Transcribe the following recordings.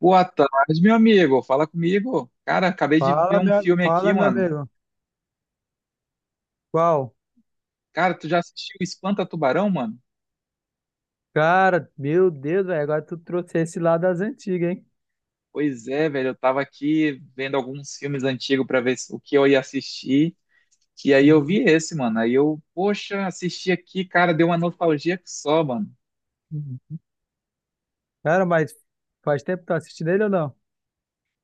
Boa tarde, meu amigo. Fala comigo. Cara, acabei de ver um filme aqui, Fala, meu mano. amigo. Qual? Cara, tu já assistiu Espanta Tubarão, mano? Cara, meu Deus, velho, agora tu trouxe esse lá das antigas, hein? Pois é, velho. Eu tava aqui vendo alguns filmes antigos pra ver o que eu ia assistir. E aí eu Uhum. vi esse, mano. Aí eu, poxa, assisti aqui, cara, deu uma nostalgia que só, mano. Uhum. Cara, mas faz tempo que tu assistindo ele ou não?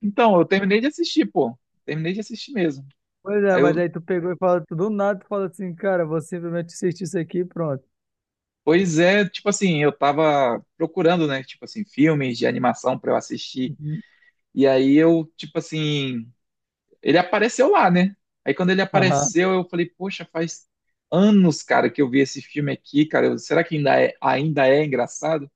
Então, eu terminei de assistir, pô. Terminei de assistir mesmo. Pois é, Aí mas eu, aí tu pegou e falou tudo do nada, tu fala assim, cara, vou simplesmente assistir isso aqui e pronto. pois é, tipo assim, eu tava procurando, né, tipo assim, filmes de animação pra eu assistir. Uhum. E aí eu, tipo assim. Ele apareceu lá, né? Aí quando ele Aham. apareceu, eu falei, poxa, faz anos, cara, que eu vi esse filme aqui, cara. Será que ainda é engraçado?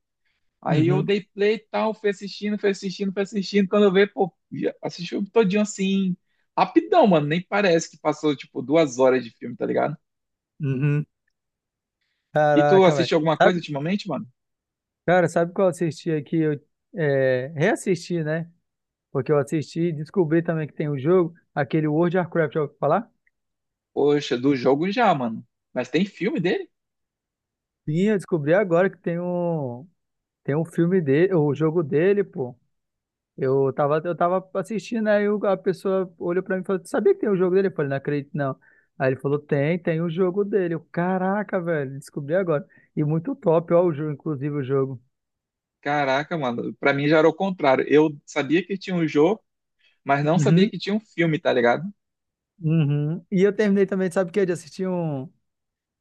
Aí eu Uhum. dei play e tal, fui assistindo, fui assistindo, fui assistindo. Quando eu vi, pô, já assisti o filme todinho assim, rapidão, mano. Nem parece que passou, tipo, 2 horas de filme, tá ligado? Uhum. E tu Caraca, velho. assistiu alguma coisa Sabe, ultimamente, mano? cara, sabe qual eu assisti aqui? Reassisti, né? Porque eu assisti e descobri também que tem um jogo, aquele World of Warcraft, já ouviu falar? Poxa, do jogo já, mano. Mas tem filme dele? Sim, eu descobri agora que tem um. Tem um filme dele, o jogo dele, pô. Eu tava assistindo, aí a pessoa olhou pra mim e falou, "Tu sabia que tem o jogo dele?" Eu falei, não acredito, não. Aí ele falou, tem, tem o jogo dele. Eu, caraca, velho, descobri agora. E muito top, ó, o jogo, inclusive o jogo. Caraca, mano. Pra mim já era o contrário. Eu sabia que tinha um jogo, mas não sabia Uhum, que tinha um filme, tá ligado? uhum. E eu terminei também, sabe o quê? De assistir um.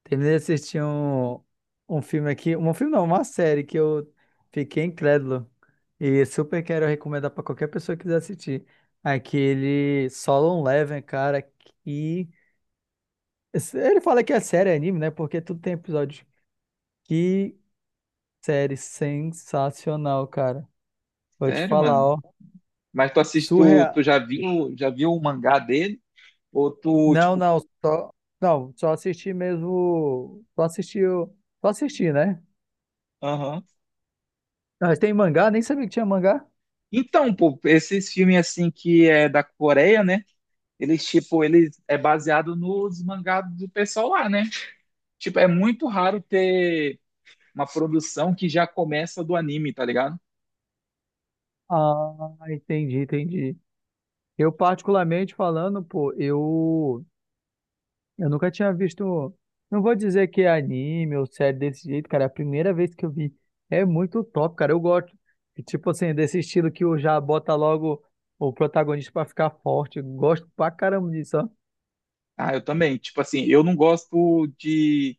Terminei de assistir um filme aqui, um filme não, uma série que eu fiquei incrédulo e super quero recomendar pra qualquer pessoa que quiser assistir. Aquele Solo Leveling, cara, que ele fala que é série, é anime, né? Porque tudo tem episódio. Que série sensacional, cara. Vou te Sério, falar, mano. ó, Mas tu assiste, tu, surreal. tu já viu o mangá dele? Ou tu, Não, tipo, não, só não, só assisti mesmo, só assisti, só assisti, né? aham. Mas tem mangá, nem sabia que tinha mangá. Então, pô, esses filmes assim que é da Coreia, né? Eles, tipo, eles é baseado nos mangás do pessoal lá, né? Tipo, é muito raro ter uma produção que já começa do anime, tá ligado? Ah, entendi. Particularmente falando, pô, eu nunca tinha visto. Não vou dizer que é anime ou série desse jeito, cara. É a primeira vez que eu vi. É muito top, cara. Eu gosto. E, tipo assim, desse estilo que o já bota logo o protagonista pra ficar forte. Eu gosto pra caramba disso, ó. Ah, eu também. Tipo assim, eu não gosto de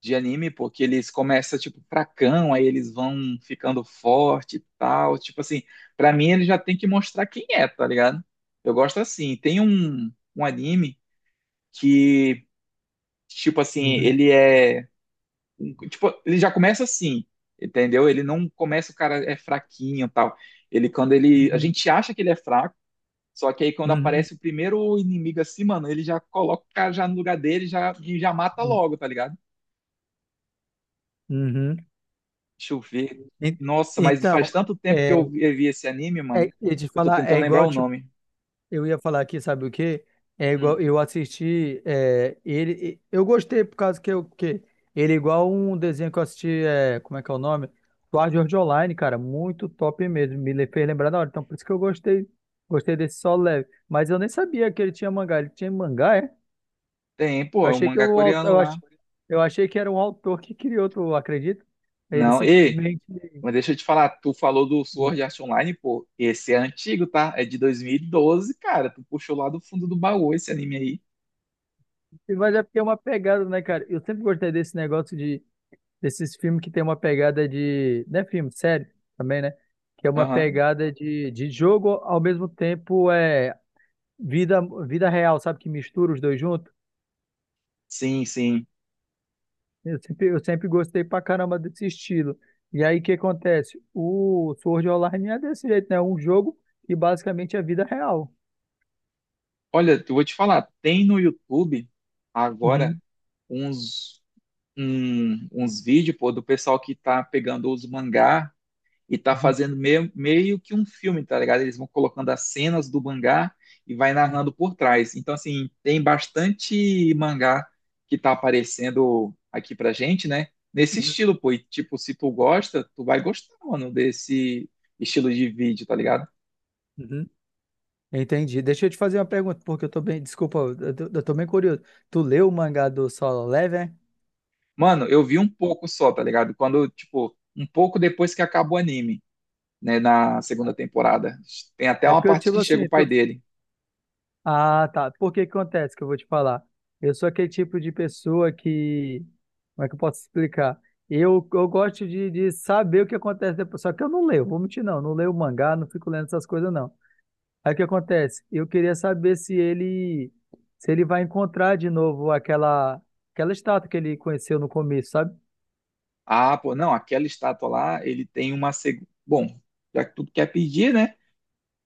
de anime, porque eles começam, tipo, fracão, aí eles vão ficando forte e tal. Tipo assim, pra mim ele já tem que mostrar quem é, tá ligado? Eu gosto assim. Tem um anime que, tipo assim, Uhum, ele é. Um, tipo, ele já começa assim, entendeu? Ele não começa, o cara é fraquinho e tal. Ele, quando ele. A uhum, gente acha que ele é fraco. Só que aí quando uhum, aparece o primeiro inimigo assim, mano, ele já coloca o cara já no lugar dele já, e já mata uhum. logo, tá ligado? Uhum. Deixa eu ver. En- Nossa, mas Então, faz tanto tempo que eu é, vi eu vi esse anime, mano. eu ia te Eu tô falar, é tentando lembrar igual, o tipo. nome. Eu ia falar aqui, sabe o quê? É Hum. igual, eu assisti é, ele, e- eu gostei por causa que eu que ele é igual um desenho que eu assisti, é, como é que é o nome? Sword Art Online, cara, muito top mesmo, fez lembrar da hora, então por isso que eu gostei, gostei desse Solo Leve, mas eu nem sabia que ele tinha mangá, é? Tem, pô, Eu é um achei que mangá o autor, coreano eu lá. ach- eu achei que era um autor que criou, tu acredita? Ele Não, e, simplesmente, mas deixa eu te falar, tu falou do Sword Art Online, pô. Esse é antigo, tá? É de 2012, cara. Tu puxou lá do fundo do baú esse anime aí. mas é porque é uma pegada, né, cara? Eu sempre gostei desse negócio de desses filmes que tem uma pegada de. Não é filme, série também, né? Que é uma Aham. pegada de jogo, ao mesmo tempo é vida, vida real, sabe? Que mistura os dois juntos. Sim, sim. Eu sempre gostei pra caramba desse estilo. E aí o que acontece? O Sword Online é desse jeito, né? É um jogo que basicamente é vida real. Olha, eu vou te falar, tem no YouTube agora Uhum, uns, uns vídeos, pô, do pessoal que tá pegando os mangá e tá uhum, fazendo meio, meio que um filme, tá ligado? Eles vão colocando as cenas do mangá e vai narrando por trás. Então, assim, tem bastante mangá que tá aparecendo aqui pra gente, né? Nesse uhum, estilo, pô. E, tipo, se tu gosta, tu vai gostar, mano, desse estilo de vídeo, tá ligado? uhum. Entendi. Deixa eu te fazer uma pergunta, porque eu tô bem. Desculpa, eu tô bem curioso. Tu leu o mangá do Solo Leveling? Mano, eu vi um pouco só, tá ligado? Quando, tipo, um pouco depois que acabou o anime, né? Na segunda temporada. Tem até É uma porque eu, parte tipo que chega assim, o pai tu dele. Ah, tá. Por que que acontece que eu vou te falar? Eu sou aquele tipo de pessoa que. Como é que eu posso explicar? Eu gosto de saber o que acontece depois. Só que eu não leio, vou mentir, não. Não leio mangá, não fico lendo essas coisas, não. Aí o que acontece? Eu queria saber se ele vai encontrar de novo aquela estátua que ele conheceu no começo, sabe? Ah, pô, não, aquela estátua lá, ele tem uma Bom, já que tu quer pedir, né?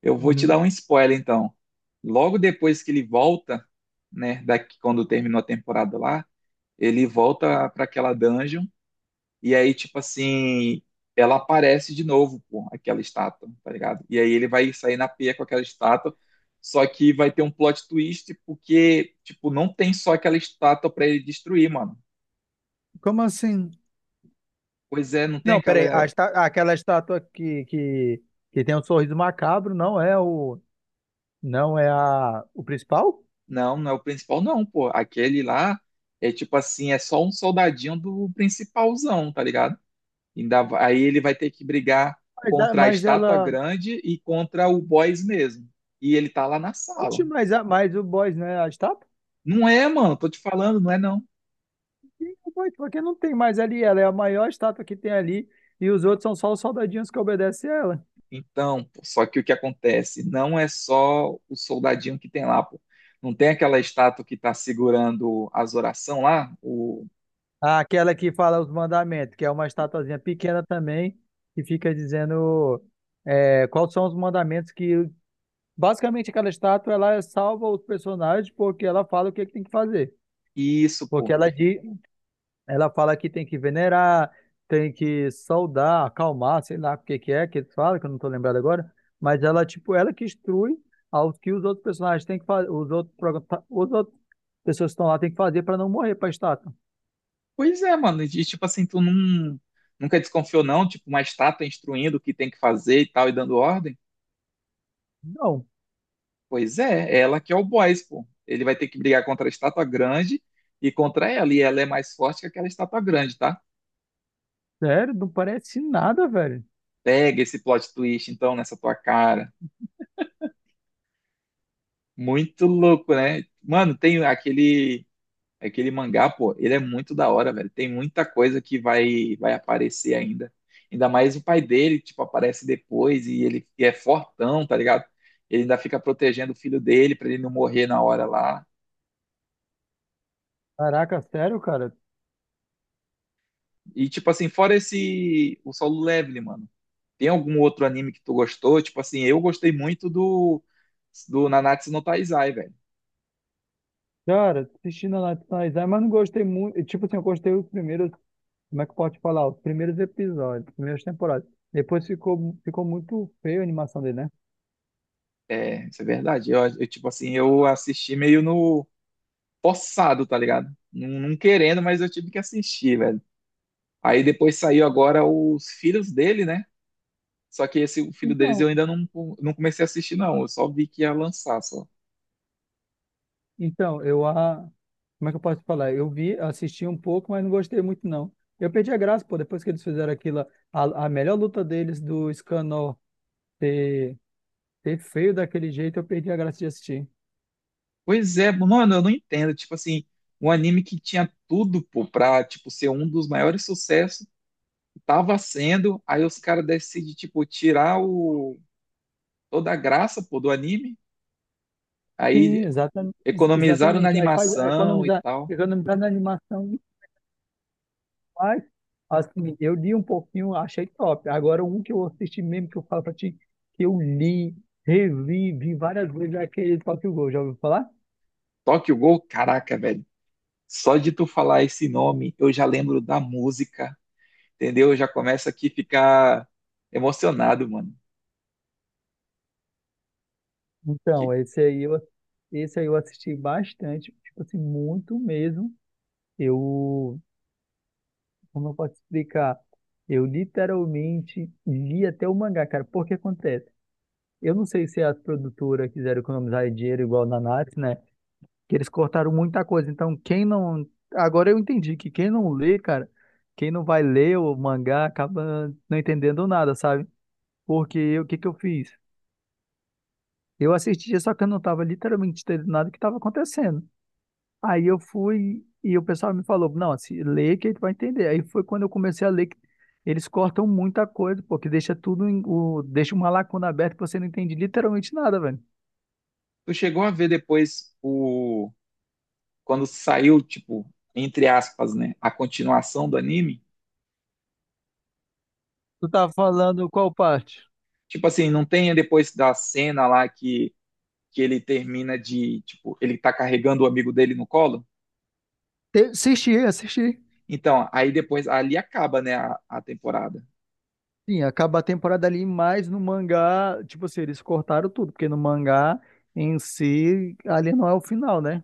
Eu vou te Uhum. dar um spoiler então. Logo depois que ele volta, né, daqui quando terminou a temporada lá, ele volta para aquela dungeon e aí tipo assim, ela aparece de novo, pô, aquela estátua, tá ligado? E aí ele vai sair na pia com aquela estátua, só que vai ter um plot twist porque tipo não tem só aquela estátua para ele destruir, mano. Como assim? Pois é, não tem Não, aquela. peraí. Aquela estátua que tem um sorriso macabro não é o. Não é o principal? Não, não é o principal, não, pô. Aquele lá é tipo assim, é só um soldadinho do principalzão, tá ligado? Ainda, aí ele vai ter que brigar Mas, contra a mas estátua ela. grande e contra o boss mesmo. E ele tá lá na sala. Oxe, mas, mas o boys, né? A estátua? Não é, mano, tô te falando, não é não. Sim, o boys, porque não tem mais ali. Ela é a maior estátua que tem ali. E os outros são só os soldadinhos que obedecem ela. Então, pô, só que o que acontece? Não é só o soldadinho que tem lá, pô. Não tem aquela estátua que tá segurando as orações lá? O... Ah, aquela que fala os mandamentos, que é uma estatuazinha pequena também, que fica dizendo é, quais são os mandamentos que. Basicamente, aquela estátua ela salva os personagens porque ela fala que tem que fazer. Isso, Porque pô. ela diz, ela fala que tem que venerar, tem que saudar, acalmar, sei lá o que que é que eles falam, que eu não tô lembrado agora, mas ela, tipo, ela que instrui ao que os outros personagens têm que fazer, os outros pessoas que estão lá têm que fazer para não morrer pra estátua. Pois é, mano. E tipo assim, tu não, nunca desconfiou, não? Tipo, uma estátua instruindo o que tem que fazer e tal, e dando ordem? Não, Pois é, é ela que é o boss, pô. Ele vai ter que brigar contra a estátua grande e contra ela. E ela é mais forte que aquela estátua grande, tá? sério, não parece nada, velho. Pega esse plot twist, então, nessa tua cara. Muito louco, né? Mano, tem aquele. Aquele mangá, pô, ele é muito da hora, velho. Tem muita coisa que vai aparecer ainda. Ainda mais o pai dele, tipo, aparece depois e ele e é fortão, tá ligado? Ele ainda fica protegendo o filho dele pra ele não morrer na hora lá. Caraca, sério, cara. E, tipo assim, fora esse. O Solo Leveling, mano. Tem algum outro anime que tu gostou? Tipo assim, eu gostei muito do. Do Nanatsu no Taizai, velho. Cara, assisti na Nationais, mas não gostei muito. Tipo assim, eu gostei os primeiros. Como é que pode falar? Os primeiros episódios, primeiras temporadas. Depois ficou muito feio a animação dele, né? É, isso é verdade. Tipo assim, eu assisti meio no. Forçado, tá ligado? Não, não querendo, mas eu tive que assistir, velho. Aí depois saiu agora os filhos dele, né? Só que esse o filho deles Então, eu ainda não, não comecei a assistir, não. Eu só vi que ia lançar, só. então, eu a. Como é que eu posso falar? Eu vi, assisti um pouco, mas não gostei muito, não. Eu perdi a graça, pô, depois que eles fizeram aquilo, a melhor luta deles do Scanor. Ter Ser feio daquele jeito, eu perdi a graça de assistir. Pois é, mano, eu não entendo. Tipo assim, um anime que tinha tudo, pô, pra, tipo, ser um dos maiores sucessos, tava sendo, aí os caras decidem, tipo, tirar o... toda a graça, pô, do anime. Sim, Aí economizaram na exatamente. Aí faz animação e tal. economizar na animação faz. Assim, eu li um pouquinho, achei top. Agora, um que eu assisti mesmo, que eu falo pra ti, que eu li, revi, vi várias vezes, é aquele Tokyo Ghoul. Já ouviu falar? Tokyo Gol, caraca, velho. Só de tu falar esse nome, eu já lembro da música. Entendeu? Já começa aqui a ficar emocionado, mano. Que Então, esse aí eu, esse aí eu assisti bastante, tipo assim, muito mesmo. Eu, como eu posso explicar? Eu literalmente li até o mangá, cara. Porque acontece? Eu não sei se a produtora quiseram economizar dinheiro igual na Natsu, né? Que eles cortaram muita coisa. Então, quem não. Agora eu entendi que quem não lê, cara, quem não vai ler o mangá acaba não entendendo nada, sabe? Porque o que que eu fiz? Eu assistia, só que eu não tava literalmente entendendo nada do que estava acontecendo. Aí eu fui e o pessoal me falou, não, se lê que tu vai entender. Aí foi quando eu comecei a ler que eles cortam muita coisa, pô, que deixa tudo em, o, deixa uma lacuna aberta que você não entende literalmente nada, velho. tu chegou a ver depois o quando saiu, tipo, entre aspas, né, a continuação do anime? Tu tá falando qual parte? Tipo assim, não tem depois da cena lá que ele termina de, tipo, ele tá carregando o amigo dele no colo? Assisti, assisti. Então, aí depois ali acaba, né, a temporada. Sim, acaba a temporada ali, mas no mangá, tipo assim, eles cortaram tudo, porque no mangá em si, ali não é o final, né?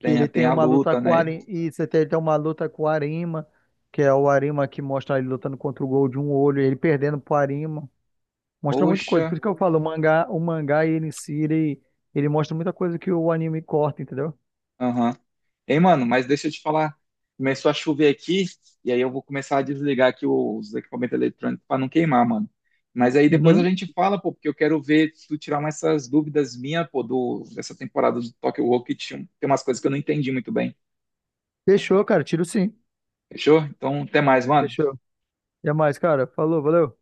Que Tem, ele tem tem a uma luta luta, com o né? Arima, e você tem, ele tem uma luta com o Arima, que é o Arima que mostra ele lutando contra o Gol de um olho, ele perdendo pro Arima. Mostra muita coisa. Por Poxa, isso que eu falo, o mangá ele em si, ele mostra muita coisa que o anime corta, entendeu? aham. Ei, mano, mas deixa eu te falar. Começou a chover aqui, e aí eu vou começar a desligar aqui os equipamentos eletrônicos para não queimar, mano. Mas aí depois a Uhum. gente fala, pô, porque eu quero ver se tu tirar umas essas dúvidas minhas, pô, dessa temporada do Tokyo Rock, que tinha- tem umas coisas que eu não entendi muito bem. Fechou, cara. Tiro sim. Fechou? Então, até mais, mano. Fechou. Até mais, cara. Falou, valeu.